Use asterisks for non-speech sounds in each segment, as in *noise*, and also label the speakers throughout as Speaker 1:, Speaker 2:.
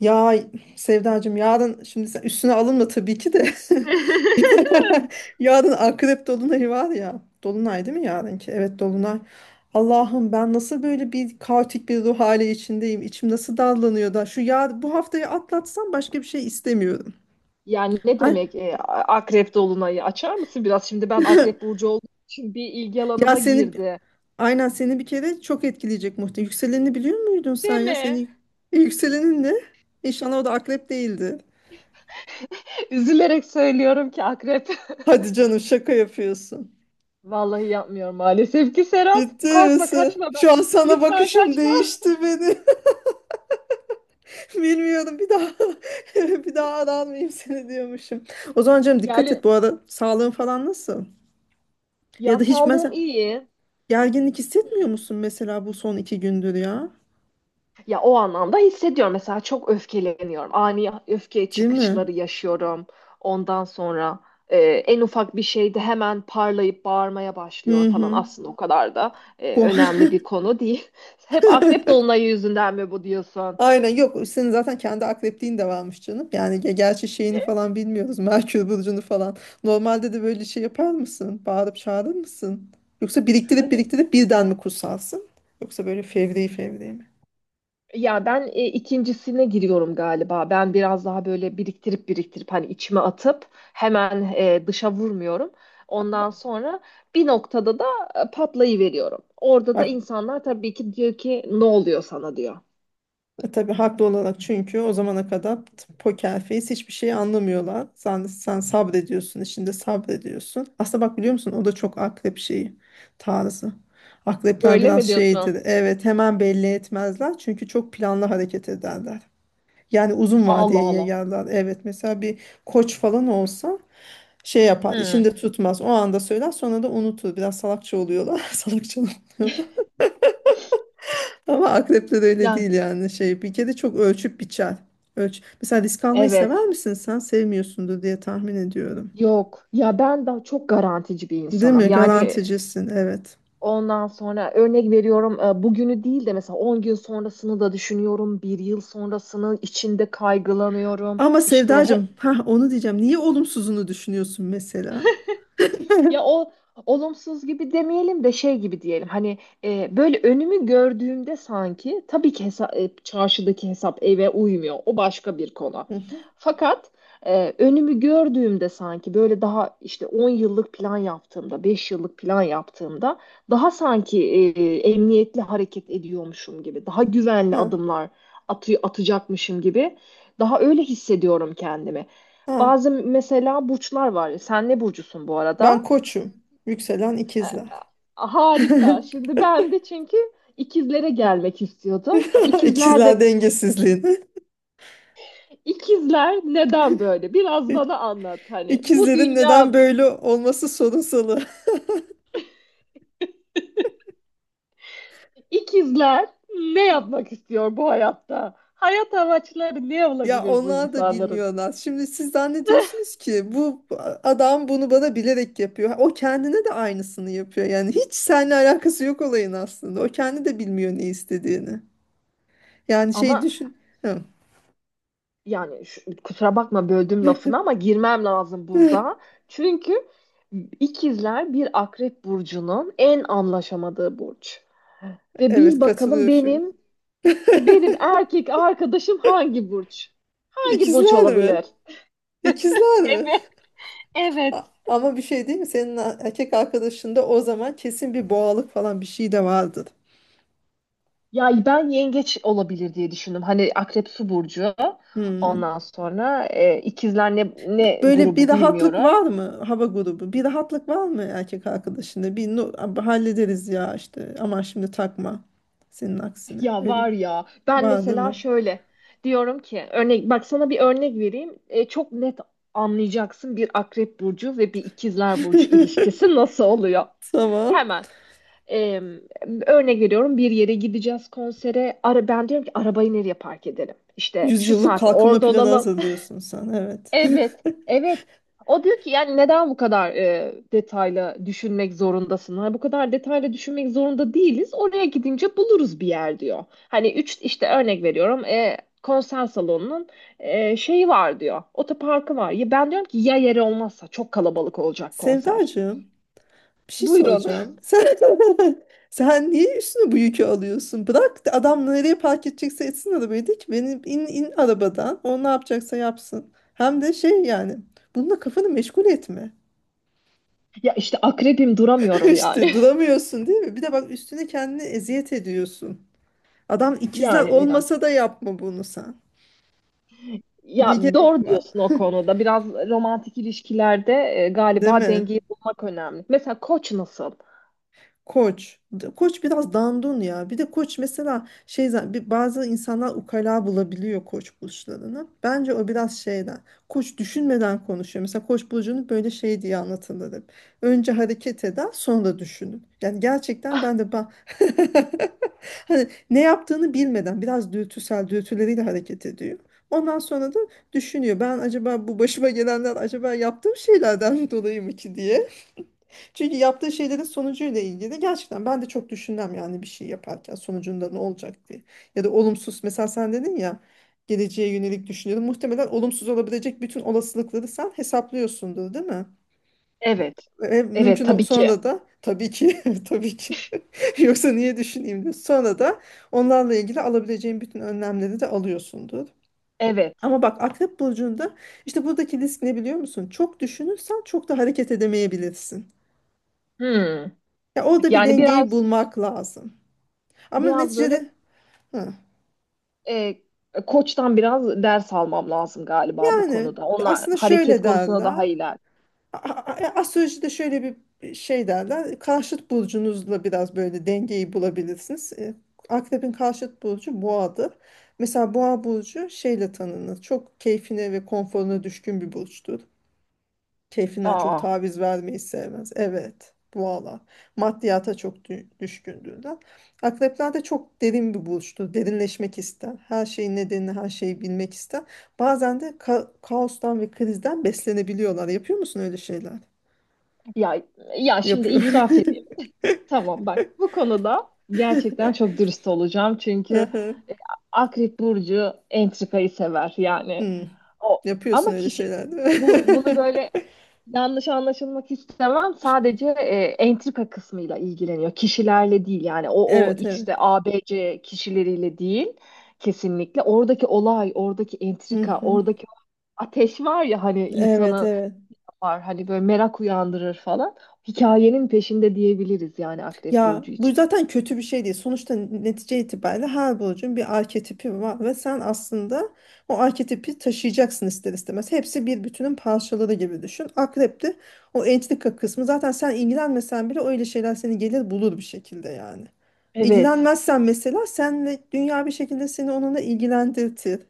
Speaker 1: Ya Sevdacığım yarın şimdi sen üstüne alınma tabii ki de.
Speaker 2: *laughs*
Speaker 1: *laughs* Yarın akrep dolunayı var ya. Dolunay değil mi yarınki? Evet dolunay. Allah'ım ben nasıl böyle bir kaotik bir ruh hali içindeyim. İçim nasıl dallanıyor da. Şu ya bu haftayı atlatsam başka bir şey istemiyorum.
Speaker 2: Yani ne
Speaker 1: Ay, *clears throat*
Speaker 2: demek akrep dolunayı? Açar mısın biraz? Şimdi ben akrep
Speaker 1: *laughs*
Speaker 2: burcu olduğum için bir ilgi
Speaker 1: Ya
Speaker 2: alanıma
Speaker 1: seni
Speaker 2: girdi.
Speaker 1: aynen seni bir kere çok etkileyecek muhtemelen. Yükselenini biliyor muydun sen ya?
Speaker 2: Deme.
Speaker 1: Yükselenin ne? İnşallah o da akrep değildi.
Speaker 2: Üzülerek söylüyorum ki akrep.
Speaker 1: Hadi canım şaka yapıyorsun.
Speaker 2: *laughs* Vallahi yapmıyorum maalesef ki Serap.
Speaker 1: Ciddi
Speaker 2: Korkma
Speaker 1: misin?
Speaker 2: kaçma ben.
Speaker 1: Şu an sana
Speaker 2: Lütfen
Speaker 1: bakışım
Speaker 2: kaçma.
Speaker 1: değişti beni. *laughs* Bilmiyorum bir daha *laughs* bir daha aranmayayım seni diyormuşum. O zaman canım dikkat et
Speaker 2: Yani
Speaker 1: bu arada sağlığın falan nasıl?
Speaker 2: Ya
Speaker 1: Ya da hiç
Speaker 2: sağlığım
Speaker 1: mesela
Speaker 2: iyi.
Speaker 1: gerginlik hissetmiyor
Speaker 2: Hı.
Speaker 1: musun mesela bu son 2 gündür ya?
Speaker 2: Ya o anlamda hissediyorum. Mesela çok öfkeleniyorum. Ani öfke
Speaker 1: Değil mi?
Speaker 2: çıkışları yaşıyorum. Ondan sonra en ufak bir şeyde hemen parlayıp bağırmaya
Speaker 1: Hı
Speaker 2: başlıyorum falan.
Speaker 1: hı.
Speaker 2: Aslında o kadar da
Speaker 1: Bu.
Speaker 2: önemli bir konu değil. *laughs* Hep akrep
Speaker 1: *laughs*
Speaker 2: dolunayı yüzünden mi bu diyorsun?
Speaker 1: Aynen yok senin zaten kendi akrepliğin de varmış canım. Yani gerçi şeyini falan bilmiyoruz. *laughs* Merkür burcunu falan. Normalde de böyle şey yapar mısın? Bağırıp çağırır mısın? Yoksa biriktirip
Speaker 2: Ay,
Speaker 1: biriktirip birden mi kutsarsın? Yoksa böyle fevri fevri mi?
Speaker 2: ya ben ikincisine giriyorum galiba. Ben biraz daha böyle biriktirip biriktirip hani içime atıp hemen dışa vurmuyorum. Ondan sonra bir noktada da patlayıveriyorum. Orada da
Speaker 1: Bak,
Speaker 2: insanlar tabii ki diyor ki ne oluyor sana diyor.
Speaker 1: Tabii haklı olarak çünkü o zamana kadar poker face hiçbir şey anlamıyorlar. Sen sabrediyorsun, içinde sabrediyorsun. Aslında bak biliyor musun o da çok akrep şeyi tarzı. Akrepler
Speaker 2: Öyle
Speaker 1: biraz
Speaker 2: mi diyorsun?
Speaker 1: şeydir. Evet hemen belli etmezler çünkü çok planlı hareket ederler. Yani uzun
Speaker 2: Allah
Speaker 1: vadeye
Speaker 2: Allah.
Speaker 1: yayarlar. Evet mesela bir koç falan olsa şey yapar,
Speaker 2: Hmm.
Speaker 1: içinde tutmaz. O anda söyler sonra da unutur. Biraz salakça oluyorlar. *laughs* Salakça ama akrepler öyle
Speaker 2: Ya
Speaker 1: değil yani şey bir kere çok ölçüp biçer. Ölç. Mesela risk almayı sever
Speaker 2: evet.
Speaker 1: misin sen? Sevmiyorsundur diye tahmin ediyorum.
Speaker 2: Yok. Ya ben daha çok garantici bir
Speaker 1: Değil
Speaker 2: insanım.
Speaker 1: mi?
Speaker 2: Yani
Speaker 1: Garanticisin evet.
Speaker 2: ondan sonra örnek veriyorum bugünü değil de mesela 10 gün sonrasını da düşünüyorum. 1 yıl sonrasını içinde kaygılanıyorum.
Speaker 1: Ama
Speaker 2: İşte
Speaker 1: Sevdacığım, ha onu diyeceğim. Niye olumsuzunu düşünüyorsun mesela?
Speaker 2: ya o olumsuz gibi demeyelim de şey gibi diyelim. Hani böyle önümü gördüğümde sanki tabii ki çarşıdaki hesap eve uymuyor. O başka bir konu.
Speaker 1: Hı hı.
Speaker 2: Fakat önümü gördüğümde sanki böyle daha işte 10 yıllık plan yaptığımda, 5 yıllık plan yaptığımda daha sanki emniyetli hareket ediyormuşum gibi, daha güvenli
Speaker 1: Ha,
Speaker 2: adımlar atacakmışım gibi daha öyle hissediyorum kendimi.
Speaker 1: ha.
Speaker 2: Bazı mesela burçlar var. Sen ne burcusun bu
Speaker 1: Ben
Speaker 2: arada?
Speaker 1: koçum. Yükselen ikizler. *laughs*
Speaker 2: Harika. Şimdi ben de çünkü ikizlere gelmek istiyordum. İkizler
Speaker 1: İkizler
Speaker 2: de
Speaker 1: dengesizliğini.
Speaker 2: ikizler neden böyle? Biraz
Speaker 1: *laughs*
Speaker 2: bana anlat hani. Bu
Speaker 1: İkizlerin neden
Speaker 2: dünya
Speaker 1: böyle olması sorunsalı. *laughs*
Speaker 2: ikizler ne yapmak istiyor bu hayatta? Hayat amaçları ne
Speaker 1: Ya
Speaker 2: olabilir bu
Speaker 1: onlar da
Speaker 2: insanların?
Speaker 1: bilmiyorlar. Şimdi siz zannediyorsunuz ki bu adam bunu bana bilerek yapıyor. O kendine de aynısını yapıyor. Yani hiç seninle alakası yok olayın aslında. O kendi de bilmiyor ne istediğini. Yani şey
Speaker 2: Ama
Speaker 1: düşün. Hı.
Speaker 2: yani kusura bakma böldüm lafını ama girmem lazım burada.
Speaker 1: *laughs*
Speaker 2: Çünkü ikizler bir akrep burcunun en anlaşamadığı burç. Ve
Speaker 1: Evet
Speaker 2: bil bakalım
Speaker 1: katılıyorum şimdi.
Speaker 2: benim benim
Speaker 1: *laughs*
Speaker 2: erkek arkadaşım hangi burç? Hangi burç
Speaker 1: İkizler mi?
Speaker 2: olabilir?
Speaker 1: İkizler mi?
Speaker 2: Evet. Evet.
Speaker 1: Ama bir şey değil mi? Senin erkek arkadaşında o zaman kesin bir boğalık falan bir şey de vardır.
Speaker 2: Ya ben yengeç olabilir diye düşündüm. Hani akrep su burcu.
Speaker 1: Hmm.
Speaker 2: Ondan sonra ikizler ne
Speaker 1: Böyle bir
Speaker 2: grubu
Speaker 1: rahatlık
Speaker 2: bilmiyorum.
Speaker 1: var mı hava grubu? Bir rahatlık var mı erkek arkadaşında? Bir abi hallederiz ya işte. Ama şimdi takma. Senin aksine.
Speaker 2: Ya
Speaker 1: Öyle
Speaker 2: var
Speaker 1: bir
Speaker 2: ya ben
Speaker 1: var değil
Speaker 2: mesela
Speaker 1: mi?
Speaker 2: şöyle diyorum ki örnek bak sana bir örnek vereyim. Çok net anlayacaksın bir akrep burcu ve bir ikizler burcu ilişkisi
Speaker 1: *laughs*
Speaker 2: nasıl oluyor.
Speaker 1: Tamam.
Speaker 2: Hemen. Ee, Örnek veriyorum bir yere gideceğiz konsere. Ara, ben diyorum ki arabayı nereye park edelim? İşte şu
Speaker 1: Yüzyıllık
Speaker 2: saatte
Speaker 1: kalkınma
Speaker 2: orada
Speaker 1: planı
Speaker 2: olalım. *laughs*
Speaker 1: hazırlıyorsun sen. Evet. *laughs*
Speaker 2: Evet, evet. O diyor ki yani neden bu kadar detaylı düşünmek zorundasın? Hani bu kadar detaylı düşünmek zorunda değiliz. Oraya gidince buluruz bir yer diyor. Hani üç işte örnek veriyorum konser salonunun şeyi var diyor. Otoparkı var. Ya ben diyorum ki ya yeri olmazsa çok kalabalık olacak konser.
Speaker 1: Sevdacığım, bir şey
Speaker 2: Buyurun. *laughs*
Speaker 1: soracağım. Sen *laughs* sen niye üstüne bu yükü alıyorsun? Bırak da adam nereye park edecekse etsin arabayı de ki benim in arabadan. O ne yapacaksa yapsın. Hem de şey yani bununla kafanı meşgul etme.
Speaker 2: Ya işte akrebim
Speaker 1: *laughs*
Speaker 2: duramıyorum
Speaker 1: İşte
Speaker 2: yani.
Speaker 1: duramıyorsun değil mi? Bir de bak üstüne kendini eziyet ediyorsun. Adam ikizler
Speaker 2: Yani biraz.
Speaker 1: olmasa da yapma bunu sen. Ne
Speaker 2: Ya
Speaker 1: gerek
Speaker 2: doğru
Speaker 1: var?
Speaker 2: diyorsun o konuda. Biraz romantik ilişkilerde
Speaker 1: Değil
Speaker 2: galiba
Speaker 1: mi?
Speaker 2: dengeyi bulmak önemli. Mesela koç nasıl?
Speaker 1: Koç. Koç biraz dandun ya. Bir de koç mesela şey bazı insanlar ukala bulabiliyor koç burçlarını. Bence o biraz şeyden. Koç düşünmeden konuşuyor. Mesela koç burcunu böyle şey diye anlatılır hep. Önce hareket eder, sonra düşünün. Yani gerçekten ben de *laughs* hani ne yaptığını bilmeden biraz dürtüsel dürtüleriyle hareket ediyor. Ondan sonra da düşünüyor. Ben acaba bu başıma gelenler acaba yaptığım şeylerden *laughs* dolayı mı ki diye. Çünkü yaptığı şeylerin sonucuyla ilgili gerçekten ben de çok düşünmem yani bir şey yaparken sonucunda ne olacak diye. Ya da olumsuz mesela sen dedin ya geleceğe yönelik düşünüyorum. Muhtemelen olumsuz olabilecek bütün olasılıkları sen hesaplıyorsundur değil mi?
Speaker 2: Evet.
Speaker 1: Ve
Speaker 2: Evet
Speaker 1: mümkün
Speaker 2: tabii ki.
Speaker 1: sonra da tabii ki *laughs* tabii ki *laughs* yoksa niye düşüneyim diyor. Sonra da onlarla ilgili alabileceğin bütün önlemleri de alıyorsundur.
Speaker 2: Evet.
Speaker 1: Ama bak, Akrep Burcu'nda işte buradaki risk ne biliyor musun? Çok düşünürsen çok da hareket edemeyebilirsin.
Speaker 2: Hmm.
Speaker 1: Ya orada bir
Speaker 2: Yani
Speaker 1: dengeyi
Speaker 2: biraz
Speaker 1: bulmak lazım. Ama
Speaker 2: biraz
Speaker 1: neticede
Speaker 2: böyle
Speaker 1: hı.
Speaker 2: e, koçtan biraz ders almam lazım galiba bu
Speaker 1: Yani
Speaker 2: konuda. Onlar
Speaker 1: aslında
Speaker 2: hareket
Speaker 1: şöyle
Speaker 2: konusunda
Speaker 1: derler.
Speaker 2: daha iler.
Speaker 1: Astrolojide şöyle bir şey derler. Karşıt burcunuzla biraz böyle dengeyi bulabilirsiniz. Akrep'in karşıt burcu boğadır. Mesela boğa burcu şeyle tanınır. Çok keyfine ve konforuna düşkün bir burçtur. Keyfinden çok
Speaker 2: Aa,
Speaker 1: taviz vermeyi sevmez. Evet. Valla. Maddiyata çok düşkündüğünden. Akrepler de çok derin bir burçtur. Derinleşmek ister. Her şeyin nedenini, her şeyi bilmek ister. Bazen de kaostan ve krizden beslenebiliyorlar. Yapıyor musun öyle şeyler?
Speaker 2: ya ya şimdi
Speaker 1: Yapıyor.
Speaker 2: itiraf,
Speaker 1: *laughs*
Speaker 2: tamam bak bu konuda gerçekten çok dürüst olacağım çünkü
Speaker 1: Hı.
Speaker 2: e, Akrep Burcu entrikayı sever yani
Speaker 1: Hmm.
Speaker 2: o
Speaker 1: Yapıyorsun
Speaker 2: ama
Speaker 1: öyle
Speaker 2: kişi
Speaker 1: şeyler değil
Speaker 2: bunu
Speaker 1: mi?
Speaker 2: böyle
Speaker 1: *laughs*
Speaker 2: yanlış anlaşılmak istemem sadece entrika kısmıyla ilgileniyor kişilerle değil yani o o
Speaker 1: Evet, evet.
Speaker 2: işte ABC kişileriyle değil kesinlikle oradaki olay oradaki
Speaker 1: Hı
Speaker 2: entrika
Speaker 1: hı.
Speaker 2: oradaki ateş var ya hani
Speaker 1: Evet,
Speaker 2: insanı
Speaker 1: evet.
Speaker 2: var hani böyle merak uyandırır falan hikayenin peşinde diyebiliriz yani Akrep
Speaker 1: Ya
Speaker 2: Burcu
Speaker 1: bu
Speaker 2: için.
Speaker 1: zaten kötü bir şey değil. Sonuçta netice itibariyle her burcun bir arketipi var ve sen aslında o arketipi taşıyacaksın ister istemez. Hepsi bir bütünün parçaları gibi düşün. Akrep'te o entrika kısmı zaten sen ilgilenmesen bile öyle şeyler seni gelir bulur bir şekilde yani.
Speaker 2: Evet.
Speaker 1: İlgilenmezsen mesela senle dünya bir şekilde seni onunla ilgilendirtir.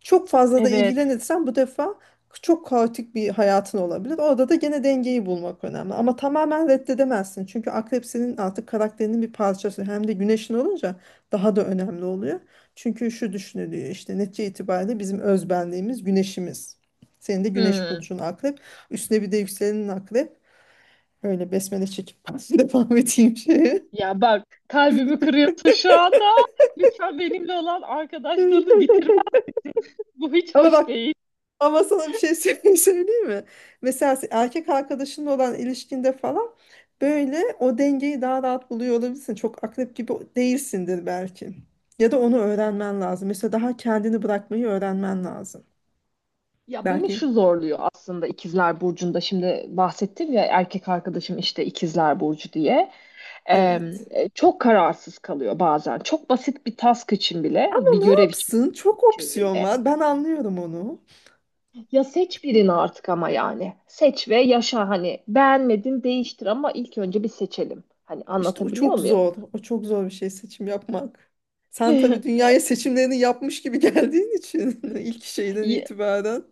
Speaker 1: Çok fazla da
Speaker 2: Evet.
Speaker 1: ilgilenirsen bu defa çok kaotik bir hayatın olabilir. Orada da gene dengeyi bulmak önemli. Ama tamamen reddedemezsin. Çünkü akrep senin artık karakterinin bir parçası. Hem de güneşin olunca daha da önemli oluyor. Çünkü şu düşünülüyor işte netice itibariyle bizim özbenliğimiz güneşimiz. Senin de güneş
Speaker 2: Hmm.
Speaker 1: burcun akrep. Üstüne bir de yükselenin akrep. Öyle besmele çekip *laughs* devam edeyim şeye.
Speaker 2: Ya bak kalbimi kırıyorsun şu anda. Lütfen benimle olan arkadaşlığını bitirme.
Speaker 1: *laughs*
Speaker 2: Bu hiç
Speaker 1: Ama
Speaker 2: hoş
Speaker 1: bak
Speaker 2: değil.
Speaker 1: Ama sana bir şey *laughs* söyleyeyim mi? Mesela erkek arkadaşınla olan ilişkinde falan böyle o dengeyi daha rahat buluyor olabilirsin. Çok akrep gibi değilsindir belki. Ya da onu öğrenmen lazım. Mesela daha kendini bırakmayı öğrenmen lazım.
Speaker 2: Ya beni
Speaker 1: Belki
Speaker 2: şu zorluyor aslında İkizler Burcu'nda şimdi bahsettim ya erkek arkadaşım işte İkizler Burcu diye. Ee,
Speaker 1: evet.
Speaker 2: Çok kararsız kalıyor bazen. Çok basit bir task için bile,
Speaker 1: Ama
Speaker 2: bir
Speaker 1: ne
Speaker 2: görev
Speaker 1: yapsın? Çok
Speaker 2: için
Speaker 1: opsiyon
Speaker 2: bile.
Speaker 1: var. Ben anlıyorum onu.
Speaker 2: Ya seç birini artık ama yani. Seç ve yaşa hani. Beğenmedin değiştir ama ilk önce bir seçelim. Hani
Speaker 1: İşte o
Speaker 2: anlatabiliyor
Speaker 1: çok
Speaker 2: muyum?
Speaker 1: zor. O çok zor bir şey seçim yapmak. Sen tabii
Speaker 2: *laughs*
Speaker 1: dünyaya seçimlerini yapmış gibi *laughs* geldiğin için *laughs* ilk şeyden
Speaker 2: Y-
Speaker 1: itibaren.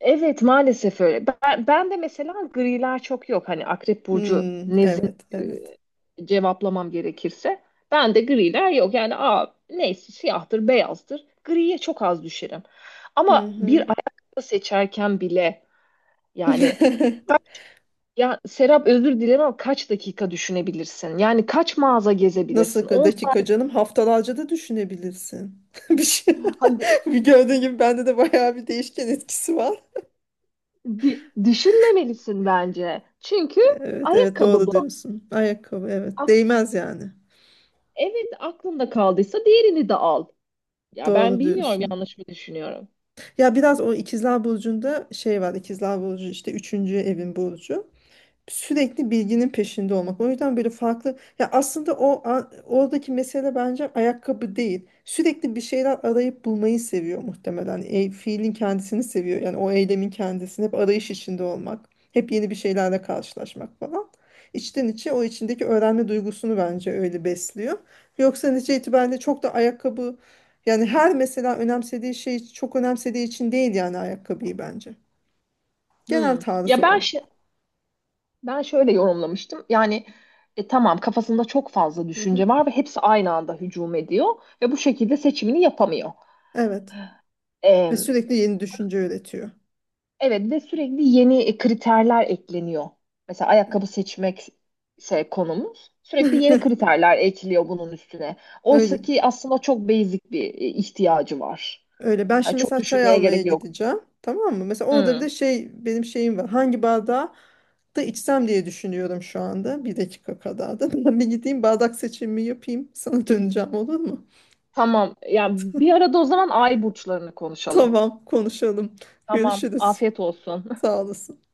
Speaker 2: Evet maalesef öyle. Ben de mesela griler çok yok. Hani Akrep Burcu
Speaker 1: Hmm, evet,
Speaker 2: nezdinde
Speaker 1: evet.
Speaker 2: cevaplamam gerekirse. Ben de griler yok. Yani aa, neyse siyahtır, beyazdır. Griye çok az düşerim.
Speaker 1: Hı
Speaker 2: Ama bir
Speaker 1: hı.
Speaker 2: ayakkabı seçerken bile yani
Speaker 1: *laughs*
Speaker 2: ya Serap özür dilerim ama kaç dakika düşünebilirsin? Yani kaç mağaza
Speaker 1: Nasıl
Speaker 2: gezebilirsin? On,
Speaker 1: dakika canım? Haftalarca da düşünebilirsin. *laughs* Bir şey.
Speaker 2: hadi,
Speaker 1: *laughs* Bir gördüğün gibi bende de bayağı bir değişken etkisi var.
Speaker 2: düşünmemelisin bence. Çünkü
Speaker 1: Evet, evet,
Speaker 2: ayakkabı
Speaker 1: doğru
Speaker 2: bu.
Speaker 1: diyorsun. Ayakkabı evet. Değmez yani.
Speaker 2: Evet aklında kaldıysa diğerini de al. Ya ben
Speaker 1: Doğru
Speaker 2: bilmiyorum
Speaker 1: diyorsun.
Speaker 2: yanlış mı düşünüyorum.
Speaker 1: Ya biraz o ikizler burcunda şey var. İkizler burcu işte üçüncü evin burcu. Sürekli bilginin peşinde olmak. O yüzden böyle farklı ya aslında o oradaki mesele bence ayakkabı değil. Sürekli bir şeyler arayıp bulmayı seviyor muhtemelen. Fiilin kendisini seviyor. Yani o eylemin kendisini hep arayış içinde olmak, hep yeni bir şeylerle karşılaşmak falan. İçten içe o içindeki öğrenme duygusunu bence öyle besliyor. Yoksa netice itibariyle çok da ayakkabı yani her mesela önemsediği şey çok önemsediği için değil yani ayakkabıyı bence. Genel
Speaker 2: Hmm.
Speaker 1: tarzı
Speaker 2: Ya ben
Speaker 1: o.
Speaker 2: ben şöyle yorumlamıştım. Yani tamam kafasında çok fazla
Speaker 1: Hı hı.
Speaker 2: düşünce var ve hepsi aynı anda hücum ediyor ve bu şekilde seçimini yapamıyor.
Speaker 1: Evet. Ve
Speaker 2: Ee,
Speaker 1: sürekli yeni düşünce üretiyor.
Speaker 2: evet ve sürekli yeni kriterler ekleniyor. Mesela ayakkabı seçmek şey konumuz. Sürekli yeni
Speaker 1: *laughs*
Speaker 2: kriterler ekliyor bunun üstüne. Oysa
Speaker 1: Öyle.
Speaker 2: ki aslında çok basic bir ihtiyacı var.
Speaker 1: Öyle. Ben
Speaker 2: Yani
Speaker 1: şimdi
Speaker 2: çok
Speaker 1: mesela çay
Speaker 2: düşünmeye
Speaker 1: almaya
Speaker 2: gerek yok.
Speaker 1: gideceğim. Tamam mı? Mesela orada bir
Speaker 2: Hmm.
Speaker 1: de şey benim şeyim var. Hangi bardağı da içsem diye düşünüyorum şu anda. Bir dakika kadar da. *laughs* Ben bir gideyim bardak seçimimi yapayım. Sana döneceğim olur mu?
Speaker 2: Tamam. Ya bir arada o zaman ay burçlarını konuşalım.
Speaker 1: Tamam, konuşalım.
Speaker 2: Tamam.
Speaker 1: Görüşürüz.
Speaker 2: Afiyet olsun.
Speaker 1: Sağ olasın.